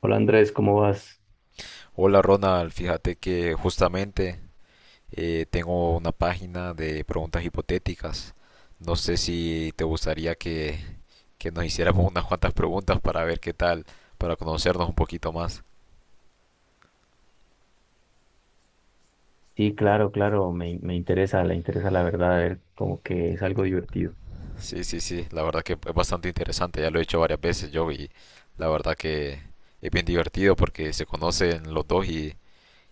Hola Andrés, ¿cómo vas? Hola Ronald, fíjate que justamente tengo una página de preguntas hipotéticas. No sé si te gustaría que nos hiciéramos unas cuantas preguntas para ver qué tal, para conocernos un poquito más. Sí, claro, claro, me interesa, le interesa la verdad, a ver, como que es algo divertido. Sí, sí, sí, la verdad que es bastante interesante, ya lo he hecho varias veces yo y la verdad que es bien divertido porque se conocen los dos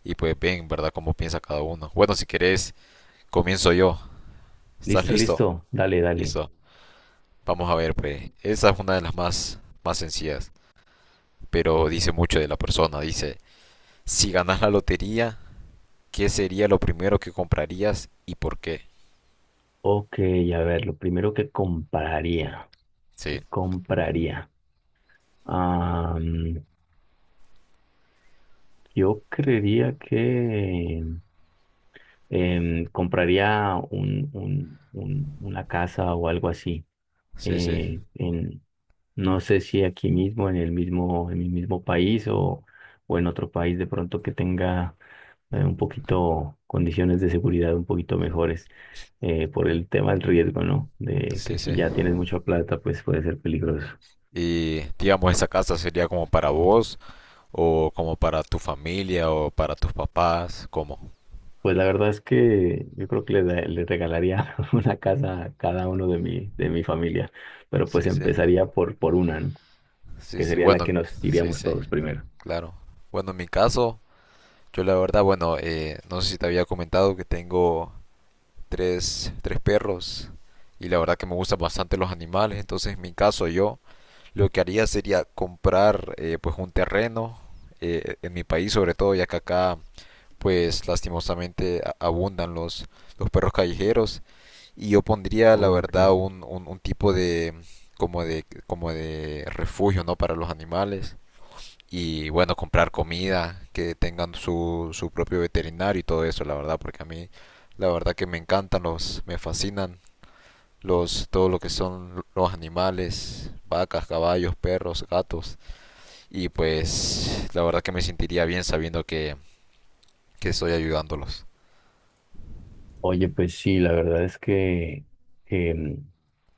y pues ven, ¿verdad?, cómo piensa cada uno. Bueno, si querés, comienzo yo. ¿Estás Listo, listo? listo, dale, dale. Listo. Vamos a ver, pues, esa es una de las más sencillas, pero dice mucho de la persona. Dice, si ganas la lotería, ¿qué sería lo primero que comprarías y por qué? Ok, a ver, lo primero que compraría, Sí, ¿que compraría? Ah, mm, yo creería que compraría una casa o algo así. sí, sí, eh, en, no sé si aquí mismo, en el mismo, en mi mismo país o en otro país de pronto que tenga un poquito condiciones de seguridad un poquito mejores, por el tema del riesgo, ¿no? De que sí, sí. si ya tienes mucha plata, pues puede ser peligroso. Y digamos, esa casa sería como para vos o como para tu familia o para tus papás, ¿cómo? Pues la verdad es que yo creo que le regalaría una casa a cada uno de mi familia, pero pues Sí, sí, empezaría por una, ¿no? sí, Que sí. sería la Bueno, que nos sí, iríamos sí, todos primero. claro. Bueno, en mi caso, yo la verdad, bueno, no sé si te había comentado que tengo tres perros y la verdad que me gustan bastante los animales, entonces en mi caso yo lo que haría sería comprar pues un terreno en mi país sobre todo, ya que acá pues lastimosamente abundan los perros callejeros y yo pondría la Ok. verdad un tipo de como de refugio, ¿no?, para los animales y bueno, comprar comida, que tengan su propio veterinario y todo eso, la verdad, porque a mí la verdad que me encantan los, me fascinan los, todo lo que son los animales, vacas, caballos, perros, gatos, y pues la verdad que me sentiría bien sabiendo que estoy ayudándolos. Oye, pues sí, la verdad es que, em,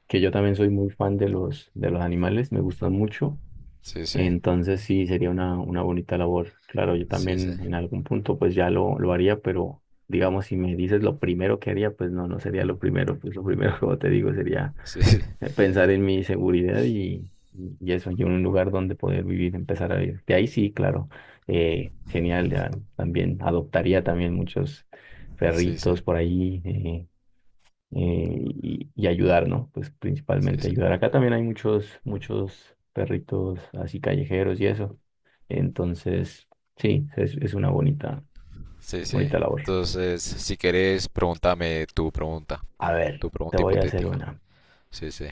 que yo también soy muy fan de los animales, me gustan mucho, Sí, sí, entonces sí, sería una bonita labor. Claro, yo sí, sí, también en algún punto pues ya lo haría, pero digamos, si me dices lo primero que haría, pues no, no sería lo primero, pues lo primero, como te digo, sería sí, pensar en mi seguridad y eso, y un lugar donde poder vivir, empezar a vivir. De ahí sí, claro, genial, ya también adoptaría también muchos sí, sí, sí, perritos por ahí. Y, y ayudar, ¿no? Pues principalmente sí, ayudar. Acá también hay muchos, muchos perritos así callejeros y eso. Entonces, sí, es una bonita, sí, sí. bonita labor. Entonces, si querés, pregúntame A ver, tu te pregunta voy a hacer hipotética. una. Sí, sí,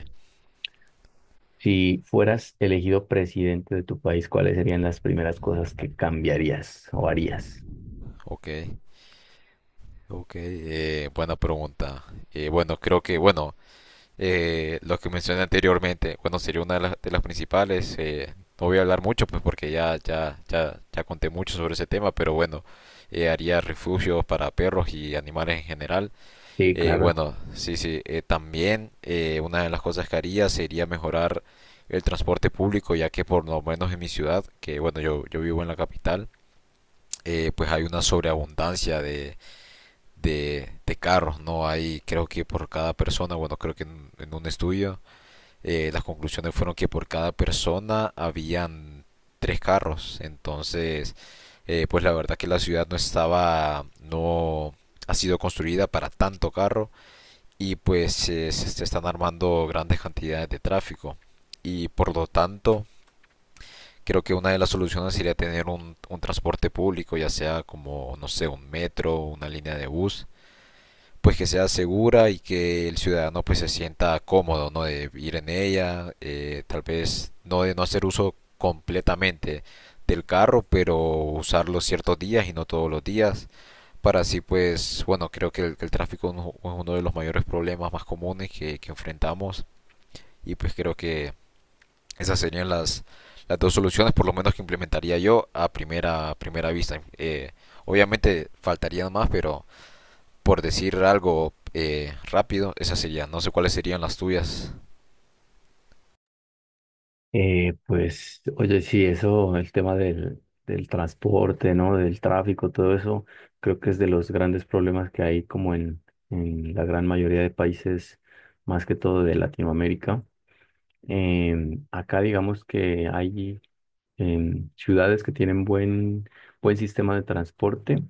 Si fueras elegido presidente de tu país, ¿cuáles serían las primeras cosas que cambiarías o harías? ok. Ok, buena pregunta. Bueno, creo bueno, lo que mencioné anteriormente, bueno, sería una de de las principales. No voy a hablar mucho, pues porque ya conté mucho sobre ese tema, pero bueno, haría refugios para perros y animales en general. Sí, claro. Bueno, sí, sí, también una de las cosas que haría sería mejorar el transporte público, ya que por lo menos en mi ciudad, que bueno, yo vivo en la capital, pues hay una sobreabundancia de carros, ¿no? Hay, creo que por cada persona, bueno, creo que en un estudio, las conclusiones fueron que por cada persona habían tres carros. Entonces, pues la verdad que la ciudad no estaba, no ha sido construida para tanto carro y pues se están armando grandes cantidades de tráfico. Y por lo tanto, creo que una de las soluciones sería tener un transporte público, ya sea como, no sé, un metro, una línea de bus, pues que sea segura y que el ciudadano pues se sienta cómodo, ¿no?, de ir en ella, tal vez no de no hacer uso completamente del carro, pero usarlo ciertos días y no todos los días. Para así, pues, bueno, creo que el tráfico es uno de los mayores problemas más comunes que enfrentamos y pues creo que esas serían las dos soluciones, por lo menos que implementaría yo a a primera vista. Obviamente faltarían más, pero por decir algo rápido, esa sería. No sé cuáles serían las tuyas. Pues, oye, sí, eso, el tema del, del transporte, ¿no? Del tráfico, todo eso, creo que es de los grandes problemas que hay como en la gran mayoría de países, más que todo de Latinoamérica. Acá digamos que hay ciudades que tienen buen, buen sistema de transporte.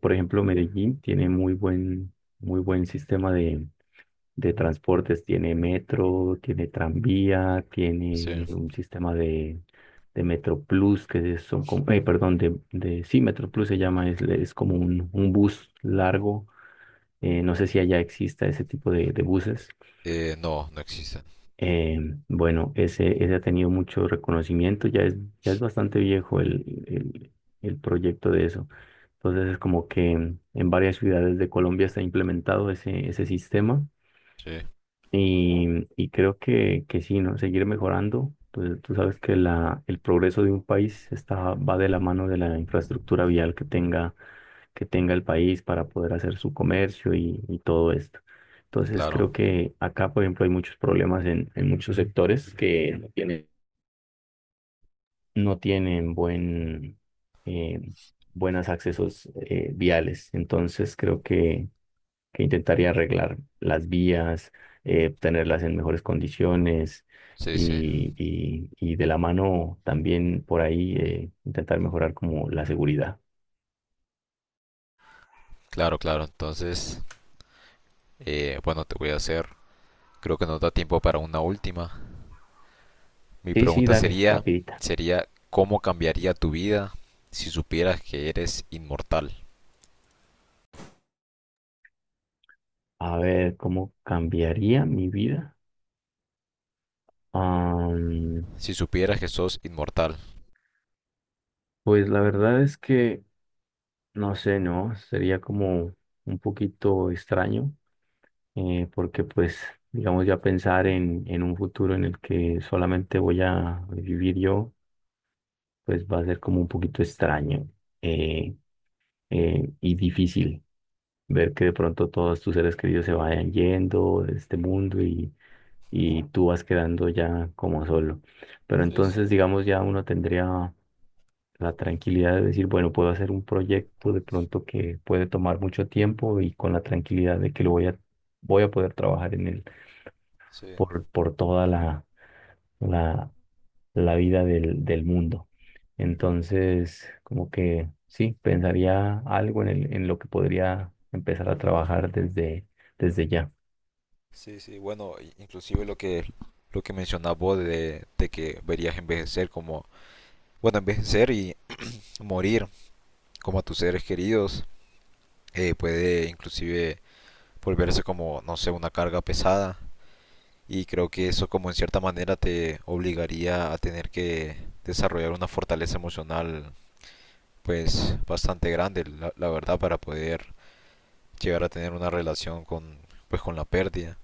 Por ejemplo, Medellín tiene muy buen sistema de transportes. Tiene metro, tiene tranvía, Sí. tiene un sistema de Metro Plus, que son como, perdón, de, sí, Metro Plus se llama, es como un bus largo. No sé si allá exista ese tipo de buses. No, no existen. Eh, bueno, ese ha tenido mucho reconocimiento, ya es bastante viejo el proyecto de eso. Entonces es como que en varias ciudades de Colombia está implementado ese, ese sistema. Sí. Y, y creo que sí, ¿no? Seguir mejorando. Pues, tú sabes que el progreso de un país está, va de la mano de la infraestructura vial que tenga el país para poder hacer su comercio y todo esto. Entonces Claro. creo que acá, por ejemplo, hay muchos problemas en muchos sectores que no tienen buen, eh, buenos accesos viales. Entonces creo que intentaría arreglar las vías, tenerlas en mejores condiciones Sí, sí. Y de la mano también por ahí intentar mejorar como la seguridad. Claro, claro. Entonces, bueno, te voy a hacer. Creo que nos da tiempo para una última. Mi Sí, sí, pregunta dale, rapidita. sería, ¿cómo cambiaría tu vida si supieras que eres inmortal? A ver, ¿cómo cambiaría mi vida? Am, Si supieras que sos inmortal. pues la verdad es que, no sé, ¿no? Sería como un poquito extraño, porque pues, digamos, ya pensar en un futuro en el que solamente voy a vivir yo pues va a ser como un poquito extraño, eh, y difícil ver que de pronto todos tus seres queridos se vayan yendo de este mundo y tú vas quedando ya como solo. Pero Sí, sí. entonces, digamos, ya uno tendría la tranquilidad de decir, bueno, puedo hacer un proyecto de pronto que puede tomar mucho tiempo y con la tranquilidad de que lo voy a poder trabajar en él Sí, por toda la la vida del, del mundo. Entonces, como que sí, pensaría algo en lo que podría empezar a trabajar desde, desde ya. sí, sí. Bueno, inclusive lo que mencionabas vos de que verías envejecer como, bueno, envejecer y morir como a tus seres queridos. Puede inclusive volverse como, no sé, una carga pesada. Y creo que eso como en cierta manera te obligaría a tener que desarrollar una fortaleza emocional pues bastante grande, la verdad, para poder llegar a tener una relación con, pues, con la pérdida.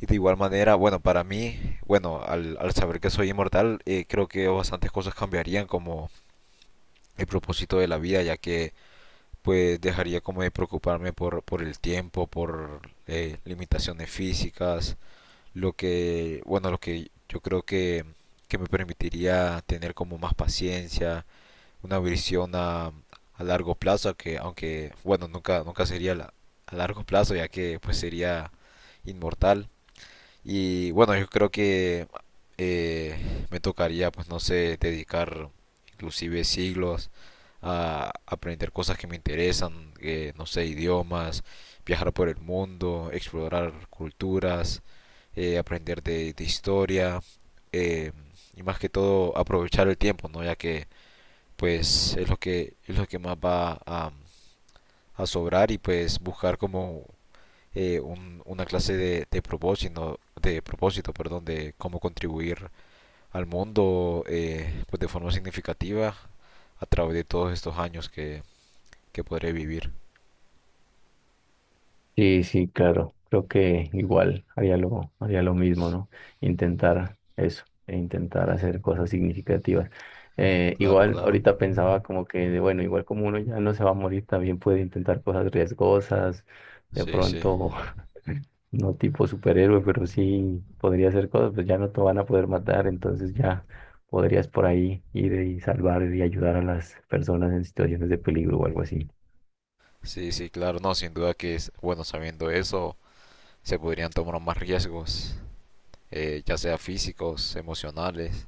Y de igual manera, bueno, para mí, bueno, al saber que soy inmortal, creo que bastantes cosas cambiarían como el propósito de la vida, ya que pues dejaría como de preocuparme por el tiempo, por limitaciones físicas, lo que, bueno, lo que yo creo que me permitiría tener como más paciencia, una visión a largo plazo, que aunque, bueno, nunca sería a largo plazo, ya que pues sería inmortal, y bueno, yo creo que eh, me tocaría, pues no sé, dedicar inclusive siglos a aprender cosas que me interesan, no sé, idiomas, viajar por el mundo, explorar culturas, aprender de historia, eh, y más que todo aprovechar el tiempo, ¿no? Ya que pues es lo que más va a sobrar y pues buscar como una clase de propósito, perdón, de cómo contribuir al mundo, pues de forma significativa a través de todos estos años que podré vivir. Sí, sí, claro. Creo que igual haría lo mismo, ¿no? Intentar eso, e intentar hacer cosas significativas. Claro, Igual claro. ahorita pensaba como que, de, bueno, igual como uno ya no se va a morir, también puede intentar cosas riesgosas, de Sí, sí, pronto, no tipo superhéroe, pero sí podría hacer cosas, pues ya no te van a poder matar, entonces ya podrías por ahí ir y salvar y ayudar a las personas en situaciones de peligro o algo así. sí, sí, claro, no, sin duda que es bueno sabiendo eso, se podrían tomar más riesgos, ya sea físicos, emocionales,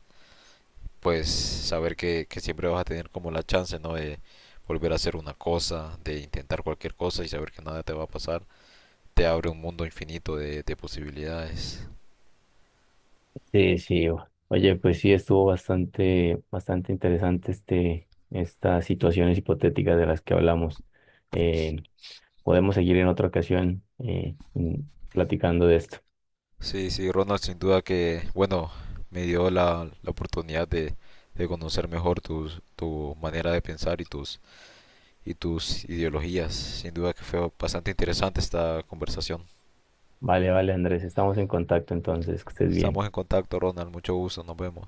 pues saber que siempre vas a tener como la chance, ¿no?, de volver a hacer una cosa, de intentar cualquier cosa y saber que nada te va a pasar te abre un mundo infinito de posibilidades. Sí, sí. Oye, pues sí, estuvo bastante, bastante interesante estas situaciones hipotéticas de las que hablamos. Eh, Podemos seguir en otra ocasión platicando de esto. Sí, sí, Ronald, sin duda que, bueno, me dio la oportunidad de conocer mejor tus, tu manera de pensar y tus ideologías. Sin duda que fue bastante interesante esta conversación. Vale, vale, Andrés, estamos en contacto entonces, que estés bien. Estamos en contacto, Ronald. Mucho gusto. Nos vemos.